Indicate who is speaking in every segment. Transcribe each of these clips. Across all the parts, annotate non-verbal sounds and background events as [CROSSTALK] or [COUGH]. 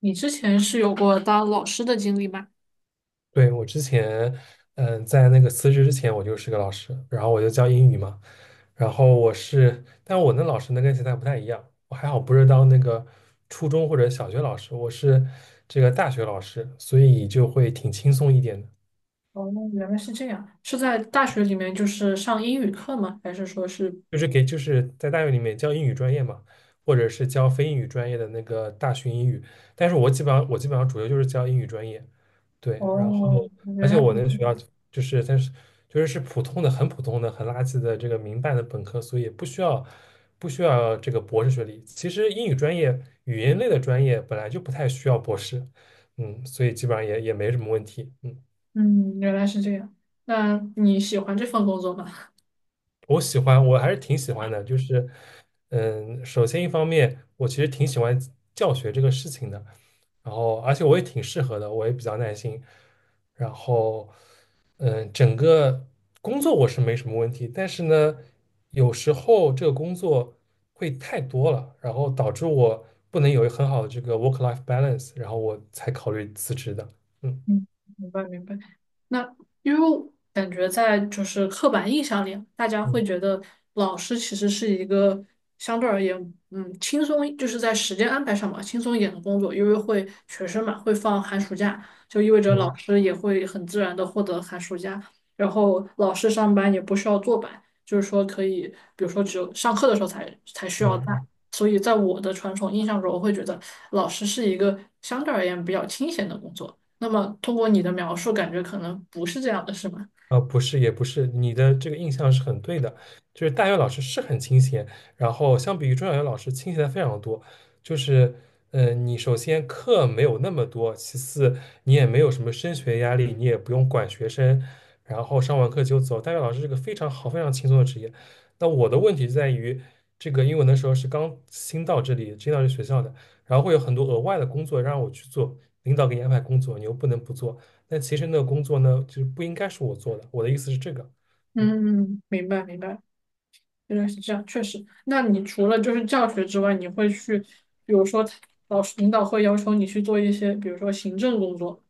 Speaker 1: 你之前是有过当老师的经历吗？
Speaker 2: 对，我之前，在那个辞职之前，我就是个老师，然后我就教英语嘛。然后我是，但我那老师呢跟现在不太一样，我还好不是当那个初中或者小学老师，我是这个大学老师，所以就会挺轻松一点的。
Speaker 1: 哦，原来是这样，是在大学里面就是上英语课吗？还是说是？
Speaker 2: 就是给就是在大学里面教英语专业嘛，或者是教非英语专业的那个大学英语，但是我基本上主要就是教英语专业，对，然后
Speaker 1: 哦，原
Speaker 2: 而且
Speaker 1: 来，
Speaker 2: 我那个学校就是但是就是是普通的很普通的很垃圾的这个民办的本科，所以不需要这个博士学历。其实英语专业语言类的专业本来就不太需要博士，所以基本上也没什么问题。
Speaker 1: 嗯，原来是这样。那你喜欢这份工作吗？
Speaker 2: 我喜欢，我还是挺喜欢的。首先一方面，我其实挺喜欢教学这个事情的，然后而且我也挺适合的，我也比较耐心。然后，整个工作我是没什么问题，但是呢，有时候这个工作会太多了，然后导致我不能有一个很好的这个 work-life balance，然后我才考虑辞职的。嗯
Speaker 1: 嗯，明白明白。那因为我感觉在就是刻板印象里啊，大家会觉
Speaker 2: 嗯
Speaker 1: 得老师其实是一个相对而言，嗯，轻松，就是在时间安排上嘛，轻松一点的工作，因为会学生嘛会放寒暑假，就意味着老
Speaker 2: 嗯
Speaker 1: 师也会很自然的获得寒暑假，然后老师上班也不需要坐班，就是说可以，比如说只有上课的时候才需
Speaker 2: 嗯。
Speaker 1: 要带。
Speaker 2: 嗯。
Speaker 1: 所以在我的传统印象中，我会觉得老师是一个相对而言比较清闲的工作。那么通过你的描述，感觉可能不是这样的，是吗？
Speaker 2: 啊,不是，也不是，你的这个印象是很对的，就是大学老师是很清闲，然后相比于中小学老师清闲的非常多，就是，你首先课没有那么多，其次你也没有什么升学压力，你也不用管学生，然后上完课就走。大学老师是个非常好、非常轻松的职业。那我的问题就在于，这个因为我那时候是刚新到这里，新到这学校的，然后会有很多额外的工作让我去做，领导给你安排工作，你又不能不做。那其实那个工作呢，就是不应该是我做的。我的意思是这个，嗯。
Speaker 1: 嗯，明白明白，原来是这样，确实。那你除了就是教学之外，你会去，比如说老师领导会要求你去做一些，比如说行政工作。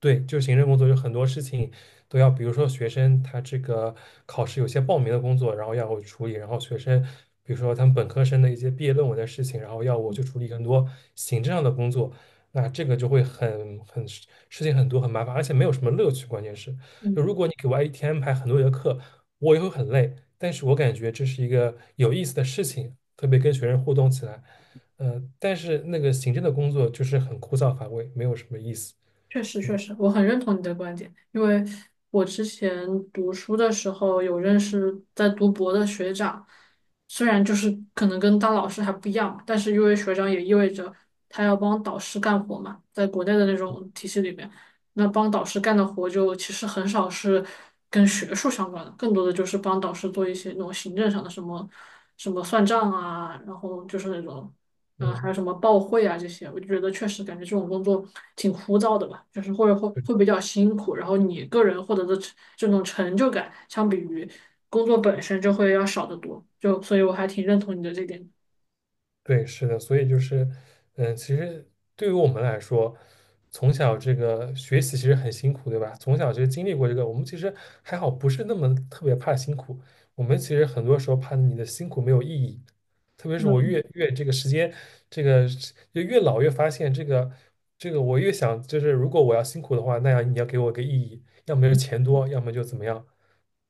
Speaker 2: 对，就是行政工作，有很多事情都要，比如说学生他这个考试有些报名的工作，然后要我处理，然后学生，比如说他们本科生的一些毕业论文的事情，然后要我去处理很多行政上的工作，那这个就会很事情很多，很麻烦，而且没有什么乐趣。关键是，就
Speaker 1: 嗯。
Speaker 2: 如果你给我一天安排很多节课，我也会很累，但是我感觉这是一个有意思的事情，特别跟学生互动起来，但是那个行政的工作就是很枯燥乏味，没有什么意思。
Speaker 1: 确实，确实，我很认同你的观点，因为我之前读书的时候有认识在读博的学长，虽然就是可能跟当老师还不一样嘛，但是因为学长也意味着他要帮导师干活嘛，在国内的那种体系里面，那帮导师干的活就其实很少是跟学术相关的，更多的就是帮导师做一些那种行政上的什么什么算账啊，然后就是那种嗯，还
Speaker 2: 嗯。
Speaker 1: 有什么报会啊这些，我就觉得确实感觉这种工作挺枯燥的吧，就是会比较辛苦，然后你个人获得的成这种成就感，相比于工作本身就会要少得多，就所以我还挺认同你的这点。
Speaker 2: 对，是的，所以其实对于我们来说，从小这个学习其实很辛苦，对吧？从小就经历过这个，我们其实还好，不是那么特别怕辛苦。我们其实很多时候怕你的辛苦没有意义，特别是我
Speaker 1: 嗯，
Speaker 2: 越这个时间，这个是就越老越发现这个，我越想就是，如果我要辛苦的话，那样你要给我个意义，要么就是钱多，要么就怎么样。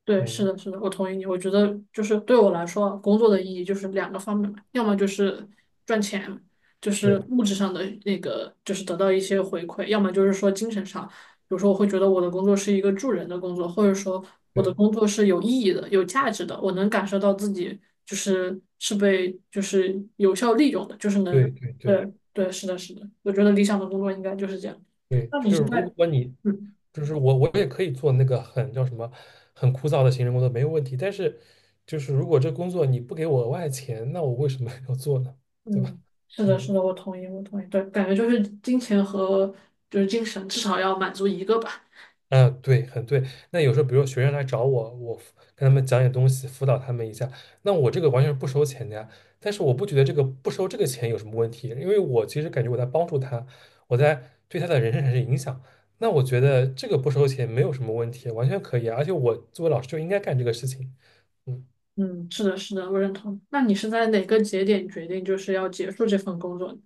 Speaker 1: 对，是
Speaker 2: 嗯，
Speaker 1: 的，是的，我同意你。我觉得就是对我来说啊，工作的意义就是两个方面嘛，要么就是赚钱，就是
Speaker 2: 对
Speaker 1: 物质上的那个，就是得到一些回馈；要么就是说精神上，比如说我会觉得我的工作是一个助人的工作，或者说我的
Speaker 2: 对
Speaker 1: 工作是有意义的、有价值的，我能感受到自己就是是被就是有效利用的，就是能，
Speaker 2: 对对对。
Speaker 1: 对对，是的，是的，我觉得理想的工作应该就是这样。
Speaker 2: 对，
Speaker 1: 那
Speaker 2: 就
Speaker 1: 你是
Speaker 2: 是如
Speaker 1: 在
Speaker 2: 果你，
Speaker 1: 嗯。
Speaker 2: 就是我也可以做那个很叫什么，很枯燥的行政工作，没有问题。但是，就是如果这工作你不给我额外钱，那我为什么 [LAUGHS] 要做呢？对吧？
Speaker 1: 嗯，是的，是
Speaker 2: 嗯。
Speaker 1: 的，我同意，我同意。对，感觉就是金钱和就是精神，至少要满足一个吧。
Speaker 2: 嗯，对，很对。那有时候，比如说学生来找我，我跟他们讲点东西，辅导他们一下，那我这个完全是不收钱的呀。但是我不觉得这个不收这个钱有什么问题，因为我其实感觉我在帮助他，我在对他的人生产生影响。那我觉得这个不收钱没有什么问题，完全可以啊。而且我作为老师就应该干这个事情。嗯。
Speaker 1: 嗯，是的，是的，我认同。那你是在哪个节点决定就是要结束这份工作的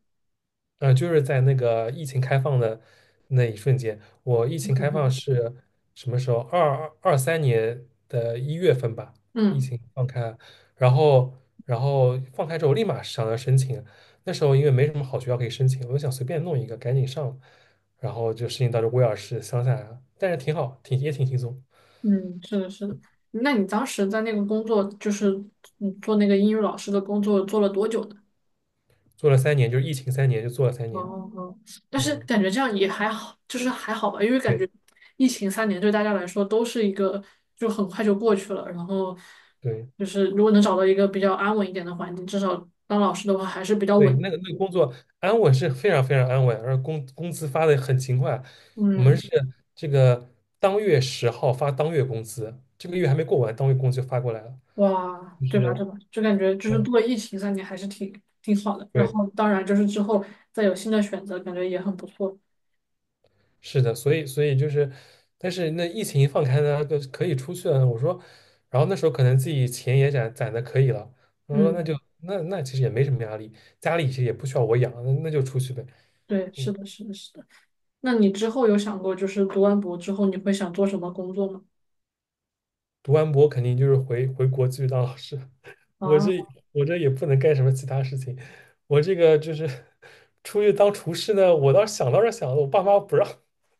Speaker 2: 就是在那个疫情开放的那一瞬间，我疫情开放
Speaker 1: [LAUGHS]
Speaker 2: 是什么时候？2023年的一月份吧，疫
Speaker 1: 嗯，
Speaker 2: 情放开，然后然后放开之后立马想要申请，那时候因为没什么好学校可以申请，我就想随便弄一个赶紧上，然后就申请到了威尔士乡下，来了，但是挺好，挺也挺轻松，
Speaker 1: 嗯，是的，是的。那你当时在那个工作，就是嗯做那个英语老师的工作，做了多久呢？
Speaker 2: 做了三年，就是疫情三年就做了三
Speaker 1: 哦，
Speaker 2: 年，
Speaker 1: 哦，但是
Speaker 2: 嗯，
Speaker 1: 感觉这样也还好，就是还好吧，因为感
Speaker 2: 对
Speaker 1: 觉疫情三年对大家来说都是一个就很快就过去了，然后
Speaker 2: 对。
Speaker 1: 就是如果能找到一个比较安稳一点的环境，至少当老师的话还是比较
Speaker 2: 对，
Speaker 1: 稳。
Speaker 2: 那个工作安稳是非常非常安稳，而工资发的很勤快。我们
Speaker 1: 嗯，
Speaker 2: 是这个当月10号发当月工资，这个月还没过完，当月工资就发过来了。
Speaker 1: 哇，
Speaker 2: 就
Speaker 1: 对吧
Speaker 2: 是，
Speaker 1: 对吧？就感觉就是
Speaker 2: 嗯，
Speaker 1: 度过疫情三年还是挺好的，然
Speaker 2: 对，
Speaker 1: 后当然就是之后再有新的选择，感觉也很不错。
Speaker 2: 是的，所以但是那疫情一放开呢，就可以出去了。我说，然后那时候可能自己钱也攒的可以了，我说那就
Speaker 1: 嗯，
Speaker 2: 那那其实也没什么压力，家里其实也不需要我养，那就出去呗。
Speaker 1: 对，是
Speaker 2: 嗯，
Speaker 1: 的，是的，是的。那你之后有想过就是读完博之后你会想做什么工作吗？
Speaker 2: 读完博肯定就是回国继续当老师。我
Speaker 1: 啊，
Speaker 2: 这我这也不能干什么其他事情，我这个就是出去当厨师呢，我倒是想了，我爸妈不让，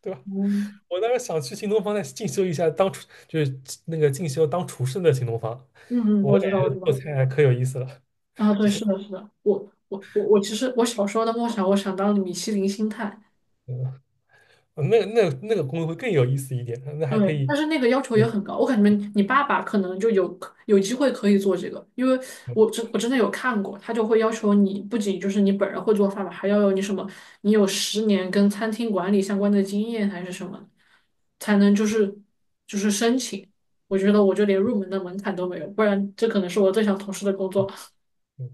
Speaker 2: 对吧？
Speaker 1: 嗯，
Speaker 2: 我当时想去新东方再进修一下当厨，就是那个进修当厨师的新东方，
Speaker 1: 嗯，嗯，
Speaker 2: 我
Speaker 1: 我
Speaker 2: 感
Speaker 1: 知道，我
Speaker 2: 觉
Speaker 1: 知
Speaker 2: 做
Speaker 1: 道。
Speaker 2: 菜还可有意思了，
Speaker 1: 啊，对，是的，是的。我其实我小时候的梦想，我想当米其林星探。
Speaker 2: 嗯，那个工作会更有意思一点，那还可
Speaker 1: 对，
Speaker 2: 以，
Speaker 1: 但是那个要求也
Speaker 2: 对，
Speaker 1: 很高。我感觉你爸爸可能就有有机会可以做这个，因为
Speaker 2: 嗯
Speaker 1: 我真的有看过，他就会要求你不仅就是你本人会做饭吧，还要有你什么，你有10年跟餐厅管理相关的经验还是什么，才能就是申请。我觉得我就连入门的门槛都没有，不然这可能是我最想从事的工作。
Speaker 2: 嗯，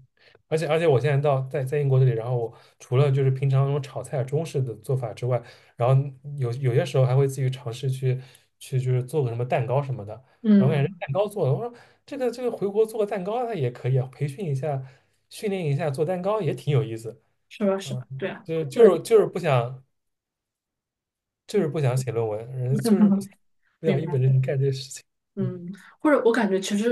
Speaker 2: 而且我现在在英国这里，然后我除了就是平常那种炒菜中式的做法之外，然后有些时候还会自己尝试去做个什么蛋糕什么的，然后感觉
Speaker 1: 嗯，
Speaker 2: 蛋糕做的，我说这个回国做个蛋糕它也可以啊，培训一下，训练一下做蛋糕也挺有意思，
Speaker 1: 是吧？是
Speaker 2: 嗯，
Speaker 1: 吧？对啊。
Speaker 2: 就就
Speaker 1: 对。
Speaker 2: 是就是不想
Speaker 1: 嗯，
Speaker 2: 不想写论文，人就是不想
Speaker 1: [LAUGHS]
Speaker 2: 不想
Speaker 1: 明
Speaker 2: 一
Speaker 1: 白。
Speaker 2: 本正经干这些事情，嗯。
Speaker 1: 嗯，或者我感觉其实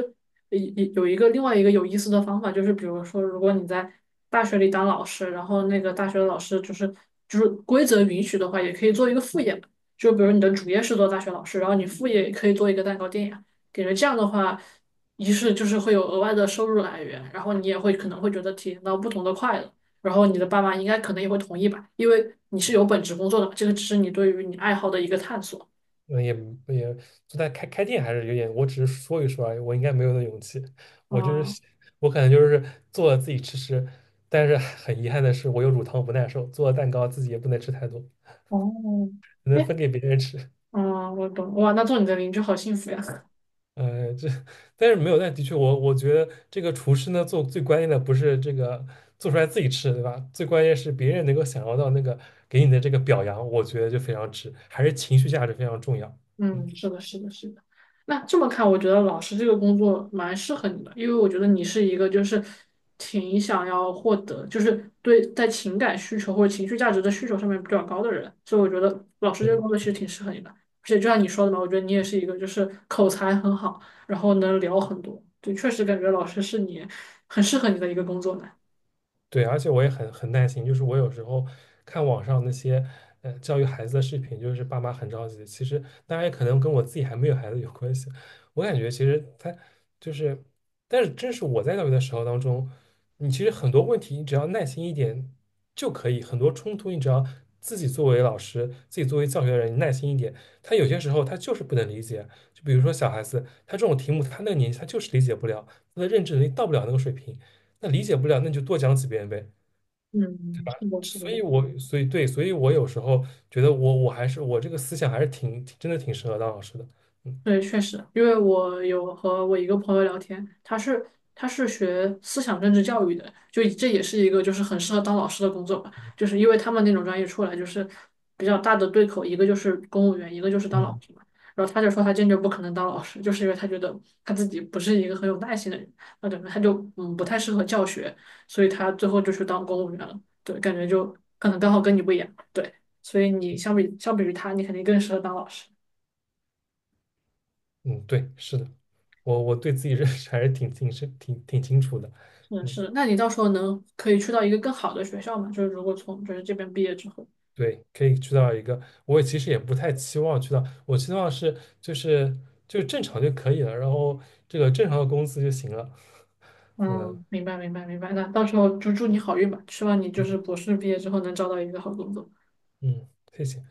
Speaker 1: 有一个另外一个有意思的方法，就是比如说，如果你在大学里当老师，然后那个大学的老师就是规则允许的话，也可以做一个副业嘛。就比如你的主业是做大学老师，然后你副业也可以做一个蛋糕店呀。感觉这样的话，一是就是会有额外的收入来源，然后你也会可能会觉得体验到不同的快乐。然后你的爸妈应该可能也会同意吧，因为你是有本职工作的嘛，这个只是你对于你爱好的一个探索。
Speaker 2: 嗯，也就在开店还是有点，我只是说一说而已，我应该没有那勇气。我就
Speaker 1: 啊。
Speaker 2: 是我可能就是做了自己吃吃，但是很遗憾的是，我有乳糖不耐受，做了蛋糕自己也不能吃太多，
Speaker 1: 哦，
Speaker 2: 只
Speaker 1: 哎，
Speaker 2: 能分给别人吃。
Speaker 1: 嗯，我懂，哇，那做你的邻居好幸福呀。[LAUGHS]
Speaker 2: [LAUGHS] 呃，这但是没有，但的确我觉得这个厨师呢，做最关键的不是这个做出来自己吃，对吧？最关键是别人能够享受到那个给你的这个表扬，我觉得就非常值，还是情绪价值非常重要。
Speaker 1: 嗯，
Speaker 2: 嗯，
Speaker 1: 是的，是的，是的。那这么看，我觉得老师这个工作蛮适合你的，因为我觉得你是一个就是挺想要获得，就是对在情感需求或者情绪价值的需求上面比较高的人，所以我觉得老师这个
Speaker 2: 对。
Speaker 1: 工作其实挺适合你的。而且就像你说的嘛，我觉得你也是一个就是口才很好，然后能聊很多，对，确实感觉老师是你很适合你的一个工作呢。
Speaker 2: 对，而且我也很耐心，就是我有时候看网上那些教育孩子的视频，就是爸妈很着急。其实当然也可能跟我自己还没有孩子有关系。我感觉其实他就是，但是真是我在教育的时候当中，你其实很多问题你只要耐心一点就可以，很多冲突你只要自己作为老师，自己作为教学的人，你耐心一点，他有些时候他就是不能理解。就比如说小孩子，他这种题目，他那个年纪他就是理解不了，他的认知能力到不了那个水平。那理解不了，那你就多讲几遍呗。
Speaker 1: 嗯，是的，是的。
Speaker 2: 所以对，所以我有时候觉得我还是我这个思想还是挺真的挺适合当老师的。嗯
Speaker 1: 对，确实，因为我有和我一个朋友聊天，他是学思想政治教育的，就这也是一个就是很适合当老师的工作吧，就是因为他们那种专业出来就是比较大的对口，一个就是公务员，一个就是当老
Speaker 2: 嗯，
Speaker 1: 师嘛。然后他就说他坚决不可能当老师，就是因为他觉得他自己不是一个很有耐心的人，那感觉他就嗯不太适合教学，所以他最后就去当公务员了。对，感觉就可能刚好跟你不一样，对，所以你相比于他，你肯定更适合当老师。
Speaker 2: 嗯，对，是的，我对自己认识还是挺深，挺清楚的。
Speaker 1: 嗯，
Speaker 2: 嗯，
Speaker 1: 是。那你到时候能可以去到一个更好的学校嘛？就是如果从就是这边毕业之后，
Speaker 2: 对，可以去到一个，我其实也不太期望去到，我希望是就正常就可以了，然后这个正常的工资就行了。嗯
Speaker 1: 嗯，明白。那到时候就祝你好运吧，希望你就
Speaker 2: 嗯
Speaker 1: 是博士毕业之后能找到一个好工作。
Speaker 2: 嗯，谢谢。